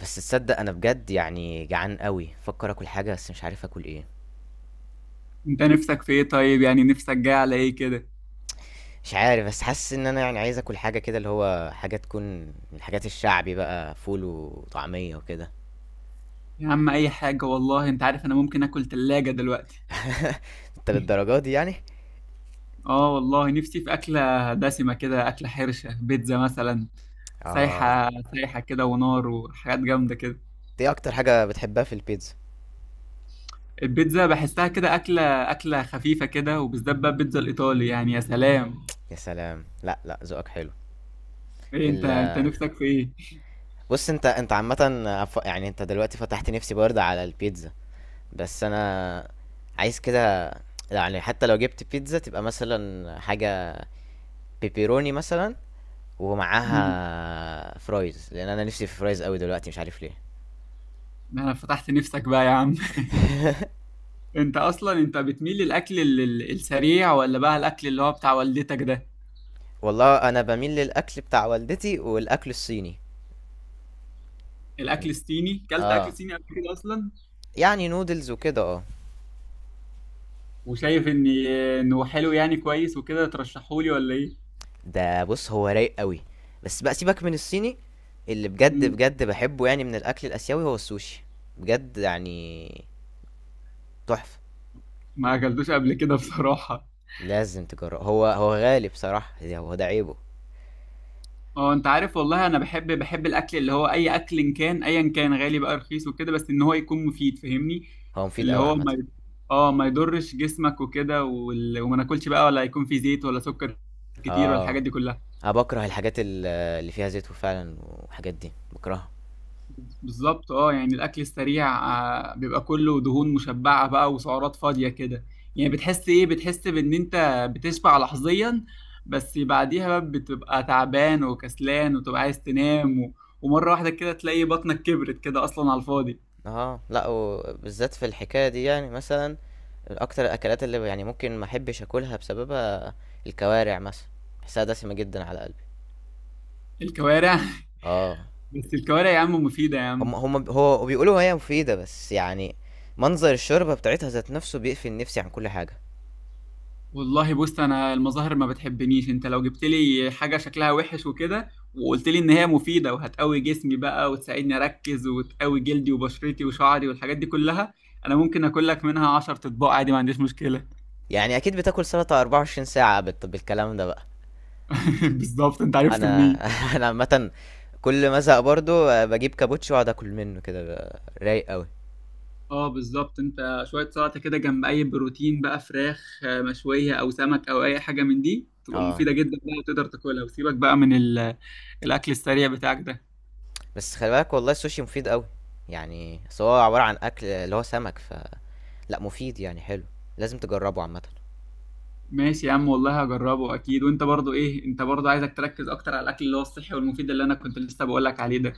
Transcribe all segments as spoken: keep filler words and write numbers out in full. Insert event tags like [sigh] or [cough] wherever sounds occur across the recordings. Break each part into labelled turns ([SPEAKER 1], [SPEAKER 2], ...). [SPEAKER 1] بس تصدق أنا بجد يعني جعان أوي، بافكر آكل حاجة بس مش عارف آكل إيه.
[SPEAKER 2] انت نفسك في ايه؟ طيب يعني نفسك جاي على ايه كده؟
[SPEAKER 1] مش عارف بس حاسس إن أنا يعني عايز آكل حاجة كده اللي هو حاجة تكون من الحاجات الشعبي بقى، فول وطعمية وكده.
[SPEAKER 2] يا عم اي حاجة والله، انت عارف انا ممكن اكل تلاجة دلوقتي.
[SPEAKER 1] أنت
[SPEAKER 2] [laughs]
[SPEAKER 1] للدرجة دي يعني؟
[SPEAKER 2] اه والله نفسي في اكلة دسمة كده، اكلة حرشة، بيتزا مثلا،
[SPEAKER 1] آه.
[SPEAKER 2] سايحة. سايحة كده ونار وحاجات جامدة كده.
[SPEAKER 1] أنت إيه أكتر حاجة بتحبها في البيتزا؟
[SPEAKER 2] البيتزا بحسها كده اكلة، اكلة خفيفة كده، وبالذات بقى البيتزا الايطالي يعني يا سلام.
[SPEAKER 1] يا سلام، لأ لأ، ذوقك حلو.
[SPEAKER 2] ايه انت،
[SPEAKER 1] ال
[SPEAKER 2] انت نفسك في ايه؟
[SPEAKER 1] بُص، أنت أنت عامةً. ف يعني أنت دلوقتي فتحت نفسي برضه على البيتزا. بس أنا عايز كده، يعني حتى لو جبت بيتزا تبقى مثلًا حاجة بيبروني مثلًا،
[SPEAKER 2] امم
[SPEAKER 1] ومعاها فرايز، لان انا نفسي في فرايز قوي دلوقتي مش عارف ليه.
[SPEAKER 2] انا فتحت نفسك بقى يا عم. [laughs]
[SPEAKER 1] [laughs]
[SPEAKER 2] انت اصلا انت بتميل للاكل ال- ال- السريع، ولا بقى الاكل اللي هو بتاع والدتك ده؟
[SPEAKER 1] [applause] والله انا بميل للاكل بتاع والدتي والاكل الصيني.
[SPEAKER 2] الاكل الصيني، كلت اكل
[SPEAKER 1] اه،
[SPEAKER 2] صيني قبل كده اصلا؟
[SPEAKER 1] يعني نودلز وكده، اه.
[SPEAKER 2] وشايف ان، انه حلو يعني كويس وكده؟ ترشحولي ولا ايه؟
[SPEAKER 1] ده بص، هو رايق قوي، بس بقى سيبك من الصيني. اللي بجد
[SPEAKER 2] مم.
[SPEAKER 1] بجد بحبه يعني من الاكل الاسيوي هو السوشي، بجد يعني تحفة.
[SPEAKER 2] ما اكلتوش قبل كده بصراحه.
[SPEAKER 1] لازم تجربه، هو هو غالي بصراحة، ده- هو ده عيبه.
[SPEAKER 2] اه انت عارف والله انا بحب، بحب الاكل اللي هو اي اكل إن كان ايا كان غالي بقى رخيص وكده، بس ان هو يكون مفيد، فاهمني؟
[SPEAKER 1] هو مفيد
[SPEAKER 2] اللي
[SPEAKER 1] قوي
[SPEAKER 2] هو
[SPEAKER 1] عامة.
[SPEAKER 2] ما ي- اه ما يضرش جسمك وكده، وال... وما ناكلش بقى، ولا يكون فيه زيت ولا سكر كتير ولا
[SPEAKER 1] اه،
[SPEAKER 2] الحاجات دي كلها.
[SPEAKER 1] انا بكره الحاجات ال- اللي فيها زيت، وفعلا وحاجات دي بكرهها.
[SPEAKER 2] بالظبط، اه يعني الاكل السريع، آه، بيبقى كله دهون مشبعه بقى وسعرات فاضيه كده. يعني بتحس ايه، بتحس بان انت بتشبع لحظيا، بس بعديها بقى بتبقى تعبان وكسلان وتبقى عايز تنام و... ومره واحده كده تلاقي بطنك كبرت كده اصلا على الفاضي.
[SPEAKER 1] اه لا، وبالذات في الحكايه دي، يعني مثلا اكتر الاكلات اللي يعني ممكن ما احبش اكلها بسببها الكوارع مثلا. بحسها دسمه جدا على قلبي.
[SPEAKER 2] الكوارع. [laughs]
[SPEAKER 1] اه،
[SPEAKER 2] بس الكوارع يا عم مفيده يا
[SPEAKER 1] هم
[SPEAKER 2] عم.
[SPEAKER 1] هم هو بيقولوا هي مفيده، بس يعني منظر الشوربه بتاعتها ذات نفسه بيقفل نفسي عن كل حاجه.
[SPEAKER 2] والله بص انا المظاهر ما بتحبنيش، انت لو جبت لي حاجه شكلها وحش وكده، وقلت لي ان هي مفيده وهتقوي جسمي بقى وتساعدني اركز وتقوي جلدي وبشرتي وشعري والحاجات دي كلها، انا ممكن اكل لك منها عشرة اطباق عادي، ما عنديش مشكله.
[SPEAKER 1] يعني اكيد بتاكل سلطه أربعة وعشرين ساعه بت- بالكلام ده بقى.
[SPEAKER 2] [laughs] بالظبط. انت عرفت
[SPEAKER 1] انا
[SPEAKER 2] منين؟
[SPEAKER 1] [laughs] انا عامه كل ما ازهق برضو، آه، بجيب كابوتشي واقعد اكل منه كده، بقى رايق قوي.
[SPEAKER 2] اه بالظبط، انت شويه سلطه كده جنب اي بروتين بقى، فراخ آه، مشويه او سمك او اي حاجه من دي، تبقى
[SPEAKER 1] اه.
[SPEAKER 2] مفيده جدا بقى وتقدر تاكلها، وسيبك بقى من ال-، الاكل السريع بتاعك ده.
[SPEAKER 1] بس خلي بالك، والله السوشي مفيد قوي، يعني أصل هو عبارة عن أكل اللي هو سمك. ف لا مفيد يعني حلو، لازم تجربه عامة.
[SPEAKER 2] ماشي يا عم والله هجربه اكيد. وانت برضو ايه، انت برضو عايزك تركز اكتر على الاكل اللي هو الصحي والمفيد، اللي انا كنت لسه بقول لك عليه ده.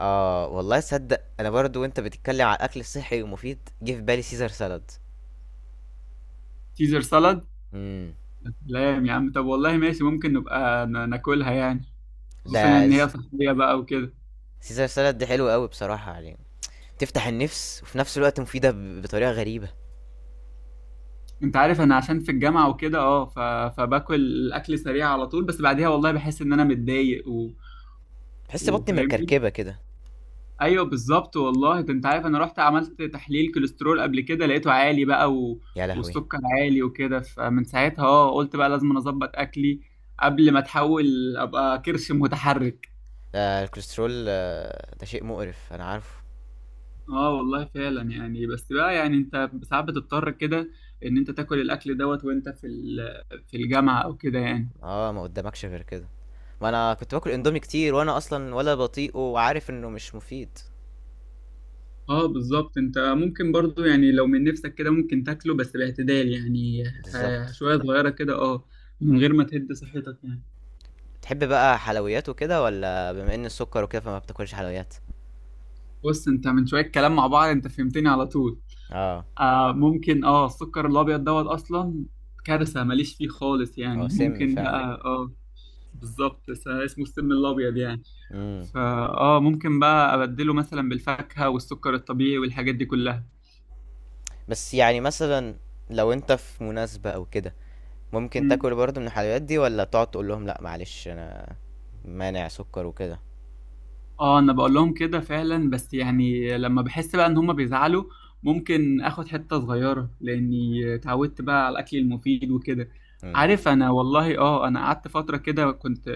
[SPEAKER 1] اه والله صدق، انا برضو وانت بتتكلم على الاكل الصحي ومفيد جه في بالي سيزر سالاد.
[SPEAKER 2] سيزر سالاد.
[SPEAKER 1] امم.
[SPEAKER 2] سلام يا عم، طب والله ماشي، ممكن نبقى ن- ناكلها يعني، خصوصا يعني
[SPEAKER 1] ده
[SPEAKER 2] ان
[SPEAKER 1] الس-
[SPEAKER 2] هي صحيه بقى وكده.
[SPEAKER 1] سيزر سالاد ده حلو قوي بصراحة، يعني تفتح النفس وفي نفس الوقت مفيدة ب- بطريقة غريبة.
[SPEAKER 2] انت عارف انا عشان في الجامعه وكده اه ف... فباكل الاكل سريع على طول، بس بعديها والله بحس ان انا متضايق و...
[SPEAKER 1] بحس بطني
[SPEAKER 2] وفاهمني.
[SPEAKER 1] مكركبة كده.
[SPEAKER 2] ايوه بالظبط والله، ده انت عارف انا رحت عملت تحليل كوليسترول قبل كده لقيته عالي بقى و...
[SPEAKER 1] يا لهوي،
[SPEAKER 2] والسكر عالي وكده، فمن ساعتها اه قلت بقى لازم أنا اظبط اكلي قبل ما اتحول ابقى كرش متحرك.
[SPEAKER 1] ده الكوليسترول، آه، ده شيء مقرف انا عارفه.
[SPEAKER 2] اه والله فعلا يعني، بس بقى يعني انت ساعات بتضطر كده ان انت تاكل الاكل دوت وانت في ال... في الجامعة او كده يعني.
[SPEAKER 1] اه، ما قدامكش غير كده، ما انا كنت باكل اندومي كتير، وانا اصلا ولا بطيقه وعارف انه مش مفيد.
[SPEAKER 2] اه بالظبط، انت ممكن برضو يعني لو من نفسك كده ممكن تاكله بس باعتدال يعني، آه،
[SPEAKER 1] بالظبط.
[SPEAKER 2] شوية صغيرة كده اه، من غير ما تهد صحتك يعني.
[SPEAKER 1] تحب بقى حلويات وكده، ولا بما ان السكر وكده فما بتاكلش حلويات؟
[SPEAKER 2] بص انت من شويه كلام مع بعض انت فهمتني على طول.
[SPEAKER 1] اه،
[SPEAKER 2] آه ممكن، اه السكر الابيض دوت اصلا كارثه، ماليش فيه خالص،
[SPEAKER 1] هو
[SPEAKER 2] يعني
[SPEAKER 1] سم
[SPEAKER 2] ممكن
[SPEAKER 1] فعلا.
[SPEAKER 2] بقى اه. بالظبط، بس اسمه السم الابيض يعني.
[SPEAKER 1] امم.
[SPEAKER 2] فا اه ممكن بقى ابدله مثلا بالفاكهه والسكر الطبيعي والحاجات دي كلها.
[SPEAKER 1] بس يعني مثلا لو انت في مناسبة او كده، ممكن تاكل برضه من الحلويات دي، ولا تقعد تقول لهم لا معلش انا مانع سكر وكده؟
[SPEAKER 2] اه انا بقول لهم كده فعلا، بس يعني لما بحس بقى ان هم بيزعلوا، ممكن اخد حتة صغيرة، لاني اتعودت بقى على الاكل المفيد وكده.
[SPEAKER 1] امم.
[SPEAKER 2] عارف انا والله، اه انا قعدت فترة كده كنت،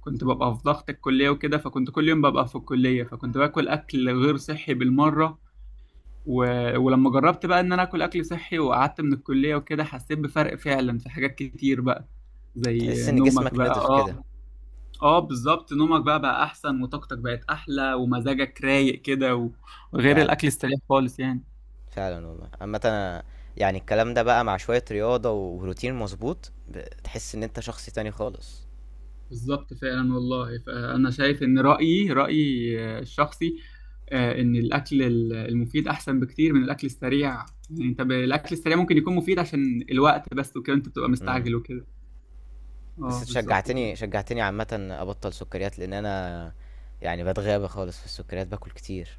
[SPEAKER 2] كنت ببقى في ضغط الكلية وكده، فكنت كل يوم ببقى في الكلية، فكنت باكل اكل غير صحي بالمرة و... ولما جربت بقى ان انا اكل اكل صحي وقعدت من الكلية وكده، حسيت بفرق فعلا في حاجات كتير بقى، زي
[SPEAKER 1] تحس ان
[SPEAKER 2] نومك
[SPEAKER 1] جسمك
[SPEAKER 2] بقى
[SPEAKER 1] نضف كده.
[SPEAKER 2] اه. اه بالظبط، نومك بقى بقى احسن، وطاقتك بقت احلى، ومزاجك رايق كده و- وغير
[SPEAKER 1] فعلا
[SPEAKER 2] الاكل السريع خالص يعني.
[SPEAKER 1] فعلا، والله اما انا يعني الكلام ده بقى مع شوية رياضة وروتين مظبوط ب- تحس ان انت شخص تاني خالص.
[SPEAKER 2] بالظبط فعلا والله، فأنا شايف إن رأيي رأيي آه، الشخصي آه، إن الأكل ال- المفيد أحسن بكتير من الأكل السريع. يعني أنت ب- الأكل السريع ممكن يكون مفيد عشان الوقت بس وكده، أنت بتبقى
[SPEAKER 1] إمم.
[SPEAKER 2] مستعجل وكده.
[SPEAKER 1] بس
[SPEAKER 2] اه
[SPEAKER 1] أنتِ
[SPEAKER 2] بالظبط كده.
[SPEAKER 1] شجّعتني شجّعتني عامةً أبطّل سُكّريات، لإن أنا يعني باتغابى خالص في السُكّريات، باكل كتير.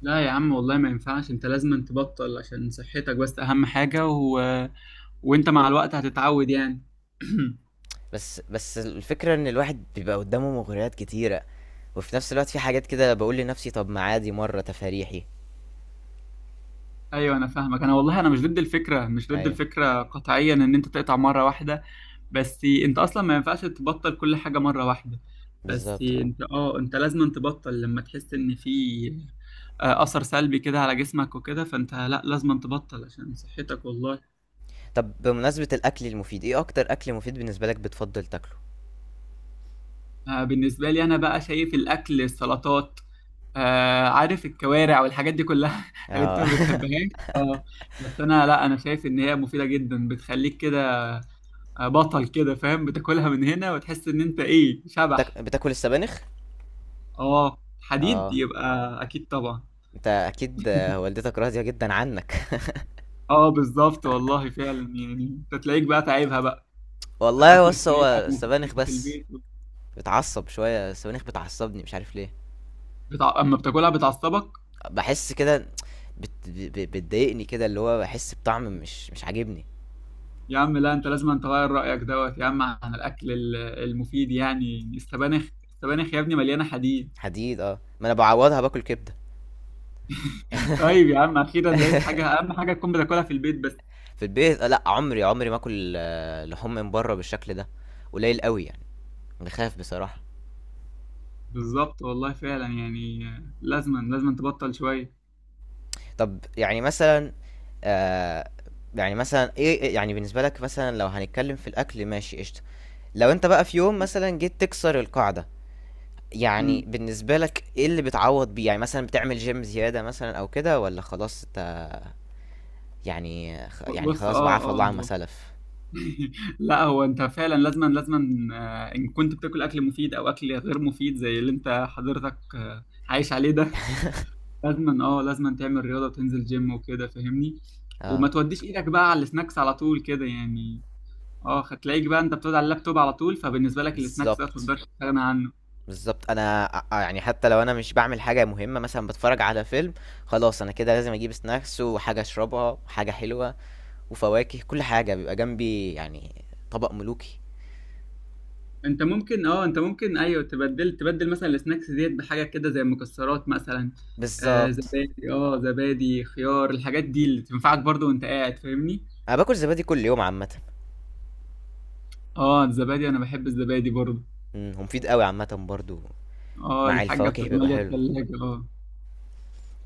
[SPEAKER 2] لا يا عم والله ما ينفعش، أنت لازم تبطل عشان صحتك بس، أهم حاجة و... وأنت مع الوقت هتتعود يعني. [clears throat]
[SPEAKER 1] بس بس الفكرة إن الواحد بيبقى قُدّامه مغريات كتيرة، وفي نفس الوقت في حاجات كده باقول لنفسي طَب ما عادي مرّة تفاريحي.
[SPEAKER 2] ايوه انا فاهمك، انا والله انا مش ضد الفكره، مش ضد
[SPEAKER 1] أيوه.
[SPEAKER 2] الفكره قطعيا ان انت تقطع مره واحده. بس انت اصلا ما ينفعش تبطل كل حاجه مره واحده. بس
[SPEAKER 1] بالضبط آه.
[SPEAKER 2] انت اه انت لازم تبطل لما تحس ان في آه، اثر سلبي كده على جسمك وكده، فانت لا لازم تبطل عشان صحتك والله.
[SPEAKER 1] طَب بمناسبة الأكل المفيد، إيه أكتر أكل مفيد بالنسبة لك بتفضّل تاكله؟
[SPEAKER 2] آه، بالنسبه لي انا بقى، شايف الاكل السلطات، آه، عارف الكوارع والحاجات دي كلها، [laughs] اللي انت
[SPEAKER 1] آه.
[SPEAKER 2] ما
[SPEAKER 1] [laughs]
[SPEAKER 2] بتحبهاش. اه بس انا لا، انا شايف ان هي مفيده جدا، بتخليك كده آه، بطل كده، فاهم؟ بتاكلها من هنا وتحس ان انت ايه،
[SPEAKER 1] بتاك
[SPEAKER 2] شبح.
[SPEAKER 1] بتاكل السبانخ؟
[SPEAKER 2] اه حديد
[SPEAKER 1] آه.
[SPEAKER 2] يبقى. اكيد طبعا.
[SPEAKER 1] أنت أكيد، آه، والدتك راضية جدًا عنّك.
[SPEAKER 2] اه بالظبط والله فعلا يعني، انت تلاقيك بقى تعيبها بقى،
[SPEAKER 1] [laughs] والله
[SPEAKER 2] اكل
[SPEAKER 1] بُص، هو
[SPEAKER 2] سريع، وبتاكل
[SPEAKER 1] السبانخ
[SPEAKER 2] في
[SPEAKER 1] بس.
[SPEAKER 2] البيت.
[SPEAKER 1] بتعصب، شوية السبانخ بتعصبني مش عارف ليه.
[SPEAKER 2] بتع... اما بتاكلها بتعصبك؟
[SPEAKER 1] بحس كده، بت... ب- ب- بتضايقني كده، اللي هو بحس بطعم مش مش عاجبني.
[SPEAKER 2] يا عم لا، انت لازم أن تغير رايك دوت يا عم عن الاكل ال- المفيد يعني، السبانخ، السبانخ يا ابني مليانه حديد.
[SPEAKER 1] حديد، اه ما انا بعوضها باكل كبدة.
[SPEAKER 2] [laughs] طيب يا عم اخيرا لقيت حاجه،
[SPEAKER 1] [laughs]
[SPEAKER 2] اهم حاجه تكون بتاكلها في البيت بس.
[SPEAKER 1] في البيت، آه، لا عمري عمري ما اكل آه، لحوم من بره بالشكل ده، قليل قوي يعني، بخاف بصراحة.
[SPEAKER 2] بالظبط والله فعلا يعني، لازما لازما تبطل شويه.
[SPEAKER 1] طب يعني مثلا، آه، يعني مثلا ايه إيه- يعني بالنسبة لك مثلا لو هنتكلم في الاكل، ماشي قشطة، لو انت بقى في يوم مثلا جيت تكسر القاعدة، يعني بالنسبة لك إيه اللي بتعوّض بيه؟ يعني مثلًا بتعمل gym زيادة مثلًا أو كده، والّا خلاص أنت يعني خ يعني
[SPEAKER 2] بص
[SPEAKER 1] خلاص بقى
[SPEAKER 2] اه
[SPEAKER 1] عفا الله
[SPEAKER 2] اه
[SPEAKER 1] عما
[SPEAKER 2] آه.
[SPEAKER 1] سَلَف؟
[SPEAKER 2] [laughs] لا هو انت فعلا لازما لازما آه، ان كنت بتاكل اكل مفيد او اكل غير مفيد زي اللي انت حضرتك آه، عايش عليه ده، لازما اه لازما تعمل رياضه وتنزل جيم وكده، فاهمني؟ وما
[SPEAKER 1] آه.
[SPEAKER 2] توديش ايدك بقى على السناكس على طول كده يعني. اه هتلاقيك بقى انت بتقعد على اللابتوب على طول، فبالنسبه لك السناكس ده ما
[SPEAKER 1] بالضبط،
[SPEAKER 2] تقدرش تستغنى عنه.
[SPEAKER 1] بالضبط. أنا أ يعني حتّى لو أنا مش باعمل حاجة مهمة، مثلًا باتفرّج على فيلم، خلاص أنا كده لازم أجيب snacks وحاجة أشربها وحاجة حلوة وفواكه، كل حاجة بيبقى جنبي، يعني طبق ملوكي.
[SPEAKER 2] انت ممكن اه انت ممكن ايوه تبدل، تبدل مثلا السناكس ديت بحاجه كده زي المكسرات مثلا، آه
[SPEAKER 1] بالضبط.
[SPEAKER 2] زبادي، اه زبادي خيار، الحاجات دي اللي تنفعك برضو وانت قاعد، فاهمني؟
[SPEAKER 1] أنا باكل زبادي كل يوم عامةً.
[SPEAKER 2] اه الزبادي، انا بحب الزبادي برضو.
[SPEAKER 1] إمم، هو مفيد أوي عامةً برضه،
[SPEAKER 2] اه
[SPEAKER 1] مع
[SPEAKER 2] الحاجه
[SPEAKER 1] الفواكه
[SPEAKER 2] بتبقى
[SPEAKER 1] بيبقى
[SPEAKER 2] ماليه
[SPEAKER 1] حلو.
[SPEAKER 2] الثلاجه اه.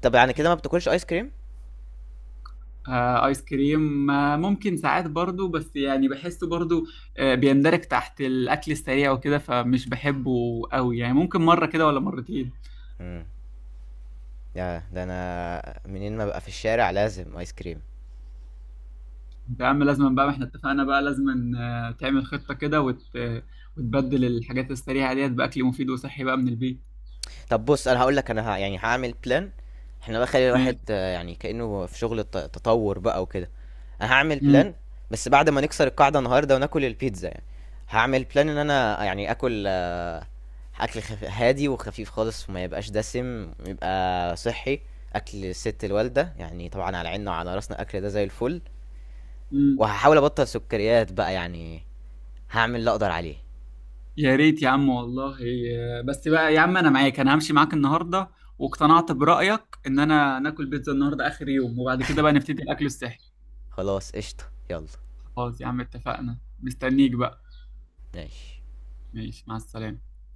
[SPEAKER 1] طَب يعني كده ما بتاكلش ice cream؟
[SPEAKER 2] آه، ايس كريم آه ممكن ساعات برضو، بس يعني بحسه برضو آه بيندرج تحت الاكل السريع وكده، فمش بحبه قوي يعني، ممكن مره كده ولا مرتين.
[SPEAKER 1] إمم. ده ده انا منين ما ببقى في الشارع لازم ايس كريم.
[SPEAKER 2] يا عم لازم بقى، ما احنا اتفقنا بقى، لازم آه، تعمل خطة كده وت... آه، وتبدل الحاجات السريعة ديت بأكل مفيد وصحي بقى من البيت.
[SPEAKER 1] طب بص انا هقول لك، انا ه... يعني هعمل بلان. احنا بقى خلي الواحد،
[SPEAKER 2] ماشي.
[SPEAKER 1] آه، يعني كأنه في شغل الت- تطور بقى وكده. انا هعمل
[SPEAKER 2] مم.
[SPEAKER 1] بلان، بس بعد ما نكسر القاعدة النهاردة وناكل البيتزا يعني. هعمل بلان ان انا يعني اكل، آه، اكل خف... هادي وخفيف خالص، وما يبقاش دسم يبقى صحي، اكل ست الوالدة يعني، طبعا على عيننا وعلى راسنا الاكل ده زي الفل.
[SPEAKER 2] مم.
[SPEAKER 1] وهحاول ابطل سكريات بقى يعني، هعمل اللي اقدر عليه.
[SPEAKER 2] يا ريت يا عم والله، آه، بس بقى يا عم انا معاك، انا همشي معاك النهاردة، واقتنعت برأيك ان انا ناكل بيتزا النهاردة اخر يوم، وبعد كده بقى نبتدي الاكل الصحي.
[SPEAKER 1] خلاص قشطة، يلا.
[SPEAKER 2] خلاص يا عم اتفقنا، مستنيك بقى.
[SPEAKER 1] ماشي.
[SPEAKER 2] ماشي مع السلامة.